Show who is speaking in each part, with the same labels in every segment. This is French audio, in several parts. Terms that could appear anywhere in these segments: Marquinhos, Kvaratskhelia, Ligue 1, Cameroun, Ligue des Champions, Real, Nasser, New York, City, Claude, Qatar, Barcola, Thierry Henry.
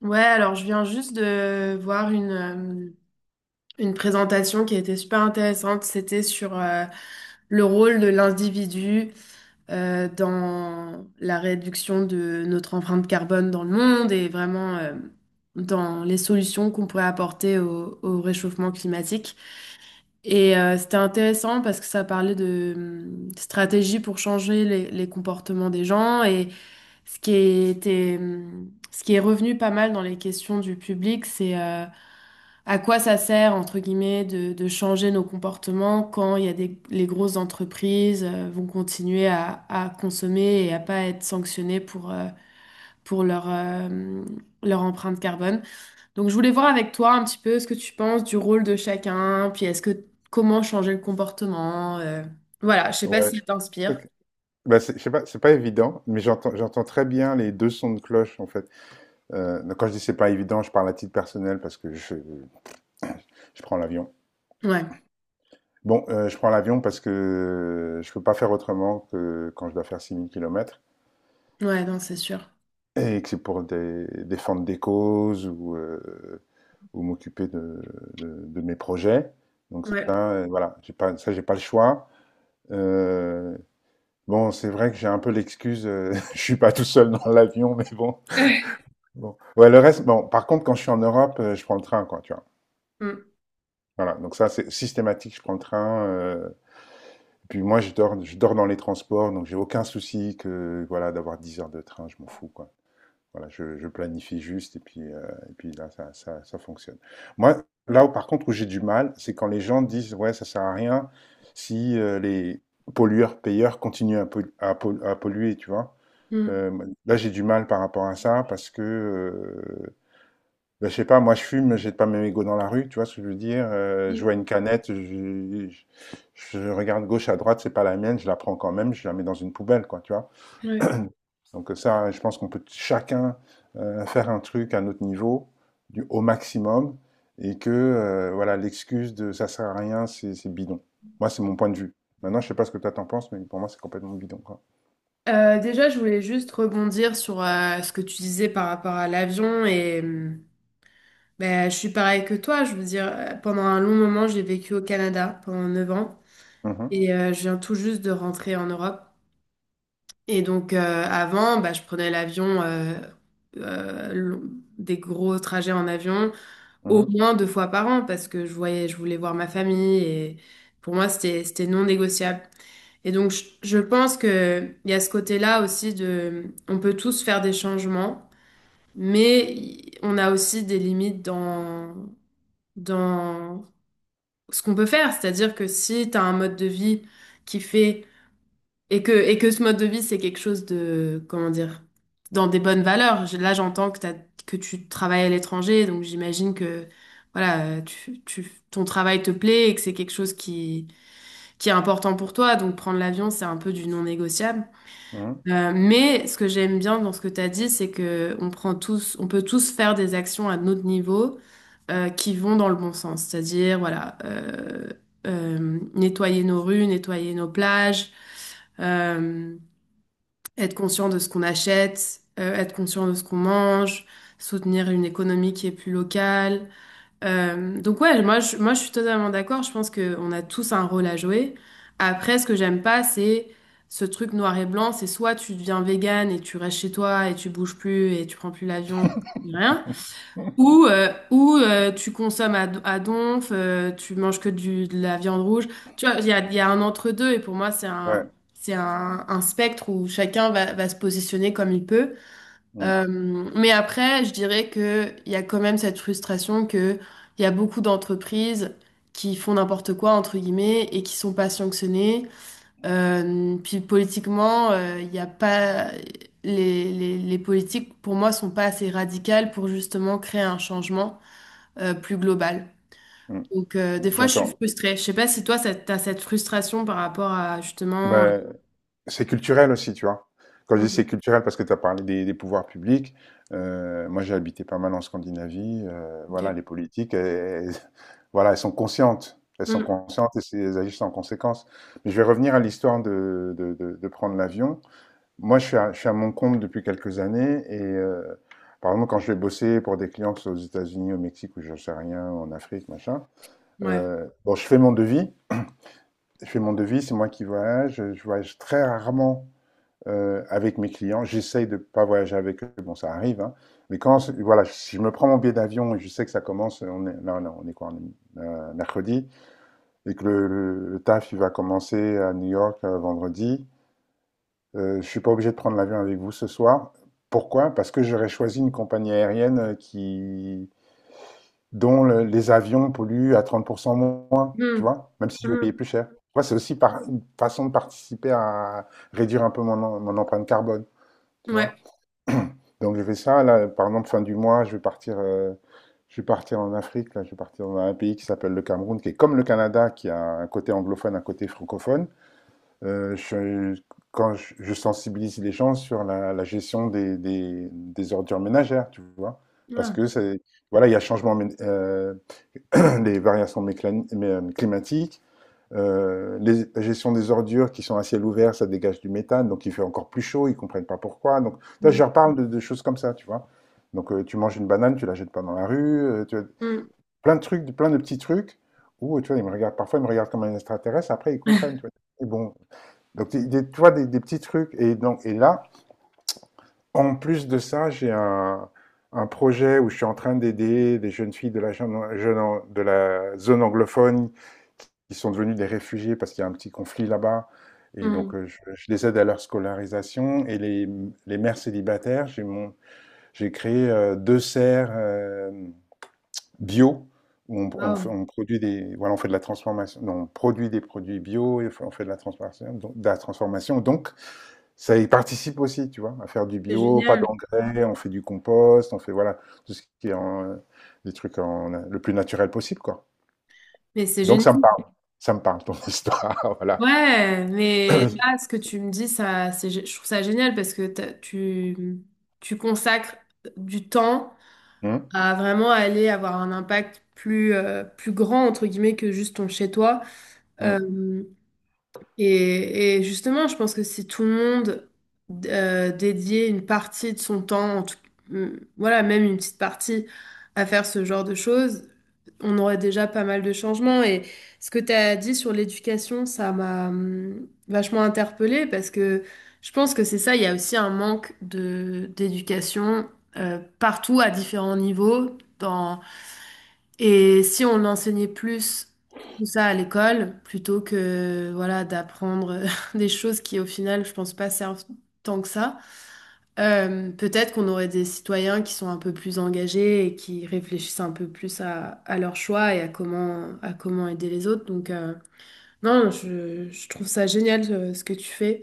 Speaker 1: Ouais, alors je viens juste de voir une présentation qui a été super intéressante. C'était sur le rôle de l'individu dans la réduction de notre empreinte carbone dans le monde et vraiment dans les solutions qu'on pourrait apporter au réchauffement climatique. Et c'était intéressant parce que ça parlait de stratégies pour changer les comportements des gens ce qui était, ce qui est revenu pas mal dans les questions du public, c'est à quoi ça sert, entre guillemets, de changer nos comportements quand il y a les grosses entreprises vont continuer à consommer et à pas être sanctionnées pour leur empreinte carbone. Donc je voulais voir avec toi un petit peu ce que tu penses du rôle de chacun, puis est-ce que comment changer le comportement. Voilà, je sais pas si
Speaker 2: Ouais,
Speaker 1: ça t'inspire.
Speaker 2: ok. Bah, je sais pas, c'est pas évident, mais j'entends très bien les deux sons de cloche en fait. Donc, quand je dis c'est pas évident, je parle à titre personnel parce que je prends l'avion.
Speaker 1: Ouais,
Speaker 2: Bon, je prends l'avion parce que je peux pas faire autrement que quand je dois faire 6000 kilomètres
Speaker 1: ouais, non, c'est sûr.
Speaker 2: et que c'est pour des, défendre des causes ou m'occuper de mes projets. Donc ça,
Speaker 1: Ouais.
Speaker 2: voilà, j'ai pas, ça j'ai pas le choix. Euh, bon, c'est vrai que j'ai un peu l'excuse, je suis pas tout seul dans l'avion, mais bon. Bon. Ouais, le reste, bon, par contre, quand je suis en Europe, je prends le train, quoi, tu vois.
Speaker 1: Mm,
Speaker 2: Voilà, donc ça, c'est systématique, je prends le train. Et puis moi, je dors dans les transports, donc j'ai aucun souci que, voilà, d'avoir 10 heures de train, je m'en fous, quoi. Voilà, je planifie juste, et puis là, ça fonctionne. Moi, là où, par contre, où j'ai du mal, c'est quand les gens disent, ouais, ça sert à rien si les pollueurs-payeurs continuent à polluer, tu vois.
Speaker 1: mm,
Speaker 2: Euh, Là, j'ai du mal par rapport à ça, parce que ben, je sais pas, moi je fume, j'ai pas mes mégots dans la rue, tu vois ce que je veux dire. Je
Speaker 1: mm.
Speaker 2: vois une canette, je- je regarde gauche à droite, c'est pas la mienne, je la prends quand même, je la mets dans une poubelle, quoi, tu vois.
Speaker 1: Ouais.
Speaker 2: Donc ça, je pense qu'on peut chacun faire un truc à notre niveau, du, au maximum, et que voilà, l'excuse de ça sert à rien, c'est bidon. Moi, c'est mon point de vue. Maintenant, je sais pas ce que toi t'en penses, mais pour moi, c'est complètement bidon, quoi.
Speaker 1: Déjà, je voulais juste rebondir sur ce que tu disais par rapport à l'avion et ben, je suis pareil que toi. Je veux dire, pendant un long moment, j'ai vécu au Canada pendant 9 ans
Speaker 2: Mhm,
Speaker 1: et je viens tout juste de rentrer en Europe. Et donc, avant, bah, je prenais l'avion, euh, long- des gros trajets en avion, au
Speaker 2: mhm,
Speaker 1: moins 2 fois par an parce que je voyais, je voulais voir ma famille et pour moi, c'était non négociable. Et donc, je pense que il y a ce côté-là aussi de, on peut tous faire des changements, mais on a aussi des limites dans ce qu'on peut faire. C'est-à-dire que si tu as un mode de vie qui fait, et que ce mode de vie, c'est quelque chose de, comment dire, dans des bonnes valeurs. Là, j'entends que tu travailles à l'étranger, donc j'imagine que, voilà, ton travail te plaît et que c'est quelque chose qui est important pour toi. Donc, prendre l'avion, c'est un peu du non négociable.
Speaker 2: mhm.
Speaker 1: Mais ce que j'aime bien dans ce que tu as dit, c'est que on prend tous, on peut tous faire des actions à notre niveau qui vont dans le bon sens. C'est-à-dire, voilà, nettoyer nos rues, nettoyer nos plages, euh, être conscient de ce qu'on achète, être conscient de ce qu'on mange, soutenir une économie qui est plus locale, donc ouais, moi je suis totalement d'accord. Je pense qu'on a tous un rôle à jouer. Après, ce que j'aime pas, c'est ce truc noir et blanc. C'est soit tu deviens végane et tu restes chez toi et tu bouges plus et tu prends plus l'avion, rien. Ou tu consommes à donf, tu manges que de la viande rouge. Tu vois, il y a un entre-deux et pour moi c'est un
Speaker 2: Ouais,
Speaker 1: c'est un, un spectre où chacun va se positionner comme il peut.
Speaker 2: mm,
Speaker 1: Euh, mais après, je dirais que il y a quand même cette frustration que il y a beaucoup d'entreprises qui font n'importe quoi, entre guillemets, et qui sont pas sanctionnées. Puis politiquement, il y a pas... Les politiques, pour moi, sont pas assez radicales pour justement créer un changement plus global.
Speaker 2: mm.
Speaker 1: Donc, des fois, je suis
Speaker 2: J'entends.
Speaker 1: frustrée. Je sais pas si toi, t'as cette frustration par rapport à justement...
Speaker 2: Ben, c'est culturel aussi, tu vois. Quand je dis
Speaker 1: Mhm.
Speaker 2: c'est culturel, parce que tu as parlé des pouvoirs publics, moi j'ai habité pas mal en Scandinavie,
Speaker 1: Ok.
Speaker 2: voilà, les politiques, voilà, elles sont
Speaker 1: Mhm.
Speaker 2: conscientes et elles agissent en conséquence. Mais je vais revenir à l'histoire de, de prendre l'avion. Moi je suis à mon compte depuis quelques années et par exemple quand je vais bosser pour des clients, que ce soit aux États-Unis, au Mexique ou je sais rien, en Afrique, machin,
Speaker 1: Ouais.
Speaker 2: bon, je fais mon devis, c'est moi qui voyage, je voyage très rarement avec mes clients. J'essaye de ne pas voyager avec eux, bon, ça arrive. Hein. Mais quand, voilà, si je me prends mon billet d'avion et je sais que ça commence, on est, là, on est quoi, on est, mercredi, et que le taf, il va commencer à New York vendredi, je ne suis pas obligé de prendre l'avion avec vous ce soir. Pourquoi? Parce que j'aurais choisi une compagnie aérienne dont les avions polluent à 30% moins, tu
Speaker 1: Mhm.
Speaker 2: vois, même si je vais payer
Speaker 1: Mhm.
Speaker 2: plus cher. Tu vois, c'est aussi une façon de participer à réduire un peu mon empreinte carbone, tu vois.
Speaker 1: Ouais.
Speaker 2: Donc je fais ça, là, par exemple, fin du mois, je vais partir en Afrique, là, je vais partir dans un pays qui s'appelle le Cameroun, qui est comme le Canada, qui a un côté anglophone, un côté francophone. Euh, je, Quand je sensibilise les gens sur la gestion des ordures ménagères, tu vois, parce
Speaker 1: Ouais.
Speaker 2: que c'est, voilà, il y a les variations climatiques, la gestion des ordures qui sont à ciel ouvert, ça dégage du méthane, donc il fait encore plus chaud, ils ne comprennent pas pourquoi. Donc, toi, je leur parle de choses comme ça, tu vois. Donc, tu manges une banane, tu la jettes pas dans la rue, tu vois,
Speaker 1: Mhm.
Speaker 2: plein de trucs, plein de petits trucs où, tu vois, ils me regardent, parfois, ils me regardent comme un extraterrestre, après, ils comprennent, tu vois. Et bon, donc, tu vois, des petits trucs. Et, donc, et là, en plus de ça, j'ai un projet où je suis en train d'aider des jeunes filles de la zone anglophone qui sont devenues des réfugiés parce qu'il y a un petit conflit là-bas. Et
Speaker 1: Hmm.
Speaker 2: donc, je les aide à leur scolarisation. Et les mères célibataires, j'ai créé deux serres bio où on, on fait-
Speaker 1: Wow,
Speaker 2: on produit des, voilà, on fait de la transformation, non, on produit des produits bio et on fait de la transformation, donc, de la transformation. Donc, ça y participe aussi, tu vois, à faire du
Speaker 1: c'est
Speaker 2: bio, pas
Speaker 1: génial.
Speaker 2: d'engrais, on fait du compost, on fait, voilà, tout ce qui est en, des trucs en, le plus naturel possible, quoi.
Speaker 1: Mais c'est
Speaker 2: Donc
Speaker 1: génial.
Speaker 2: ça me parle, ton histoire, voilà.
Speaker 1: Ouais, mais là, ce que tu me dis, ça, je trouve ça génial parce que tu, tu consacres du temps
Speaker 2: Hum,
Speaker 1: à vraiment aller avoir un impact plus, plus grand, entre guillemets, que juste ton chez-toi.
Speaker 2: hum,
Speaker 1: Euh, et justement, je pense que si tout le monde dédiait une partie de son temps, en tout, voilà, même une petite partie à faire ce genre de choses, on aurait déjà pas mal de changements. Et ce que tu as dit sur l'éducation, ça m'a vachement interpellée parce que je pense que c'est ça, il y a aussi un manque de d'éducation partout à différents niveaux. Dans... Et si on enseignait plus tout ça à l'école, plutôt que voilà, d'apprendre des choses qui au final, je pense pas servent tant que ça. Peut-être qu'on aurait des citoyens qui sont un peu plus engagés et qui réfléchissent un peu plus à leurs choix et à à comment aider les autres. Donc, non, je trouve ça génial ce que tu fais.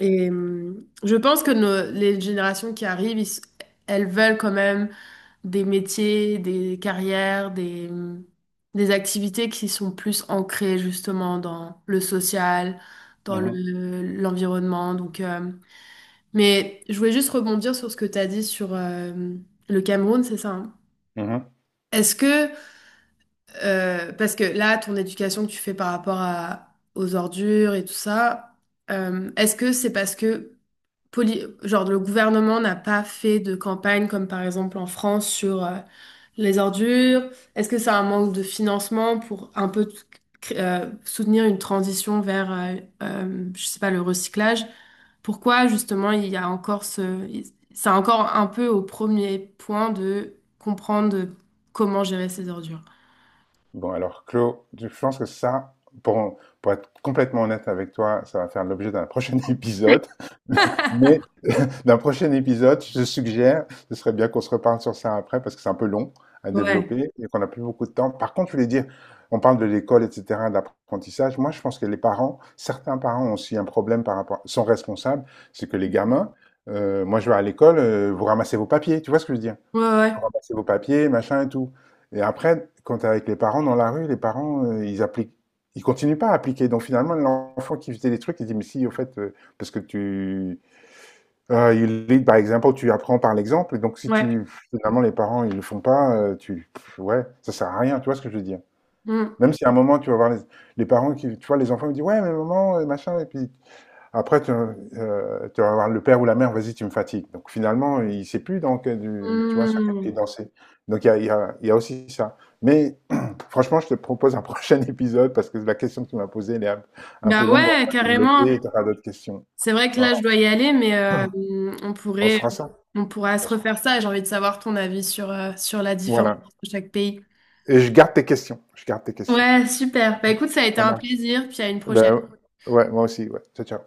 Speaker 1: Et je pense que les générations qui arrivent, elles veulent quand même des métiers, des carrières, des des activités qui sont plus ancrées justement dans le social,
Speaker 2: mhm,
Speaker 1: l'environnement. Donc, mais je voulais juste rebondir sur ce que tu as dit sur le Cameroun, c'est ça, hein?
Speaker 2: mhm.
Speaker 1: Est-ce que, parce que là, ton éducation que tu fais par rapport aux ordures et tout ça, est-ce que c'est parce que genre, le gouvernement n'a pas fait de campagne comme par exemple en France sur les ordures, est-ce que c'est un manque de financement pour un peu soutenir une transition vers, je sais pas, le recyclage? Pourquoi justement il y a encore ce... C'est encore un peu au premier point de comprendre comment gérer ces ordures.
Speaker 2: Bon, alors, Claude, je pense que ça, pour être complètement honnête avec toi, ça va faire l'objet d'un prochain épisode. Mais d'un prochain épisode. Je suggère, ce serait bien qu'on se reparle sur ça après parce que c'est un peu long à
Speaker 1: Ouais,
Speaker 2: développer et qu'on n'a plus beaucoup de temps. Par contre, je voulais dire, on parle de l'école, etc., d'apprentissage. Moi, je pense que les parents, certains parents ont aussi un problème par rapport, sont responsables, c'est que les gamins, moi, je vais à l'école, vous ramassez vos papiers, tu vois ce que je veux dire?
Speaker 1: ouais, ouais,
Speaker 2: Vous ramassez vos papiers, machin et tout. Et après, quand t'es avec les parents dans la rue, les parents, ils appliquent, ils continuent pas à appliquer. Donc finalement, l'enfant qui faisait les trucs, il dit, mais si, au fait, parce que tu, you lead by example, tu apprends par l'exemple et donc si
Speaker 1: ouais.
Speaker 2: tu finalement les parents, ils le font pas, tu pff, ouais, ça sert à rien, tu vois ce que je veux dire?
Speaker 1: Mm.
Speaker 2: Même si à un moment tu vas voir les parents qui tu vois les enfants, ils disent: «Ouais mais maman, machin» et puis après tu vas voir le père ou la mère: «Vas-y tu me fatigues». Donc finalement, il sait plus dans quel du tu vois, sur quel pied
Speaker 1: Mm.
Speaker 2: danser. Donc il y a aussi ça. Mais franchement, je te propose un prochain épisode parce que la question que tu m'as posée, elle est un
Speaker 1: Bah
Speaker 2: peu longue, on
Speaker 1: ouais,
Speaker 2: va développer et
Speaker 1: carrément.
Speaker 2: tu auras d'autres questions.
Speaker 1: C'est vrai que
Speaker 2: Voilà.
Speaker 1: là, je dois y aller, mais on
Speaker 2: On se
Speaker 1: pourrait,
Speaker 2: fera ça.
Speaker 1: on pourra se
Speaker 2: On se fera
Speaker 1: refaire ça. J'ai envie de savoir ton avis sur, sur la différence
Speaker 2: voilà.
Speaker 1: entre chaque pays.
Speaker 2: Et je garde tes questions. Je garde tes questions.
Speaker 1: Ouais, super. Bah écoute, ça a été
Speaker 2: Pas
Speaker 1: un
Speaker 2: mal.
Speaker 1: plaisir, puis à une prochaine.
Speaker 2: Ben, ouais, moi aussi, ouais. Ciao, ciao.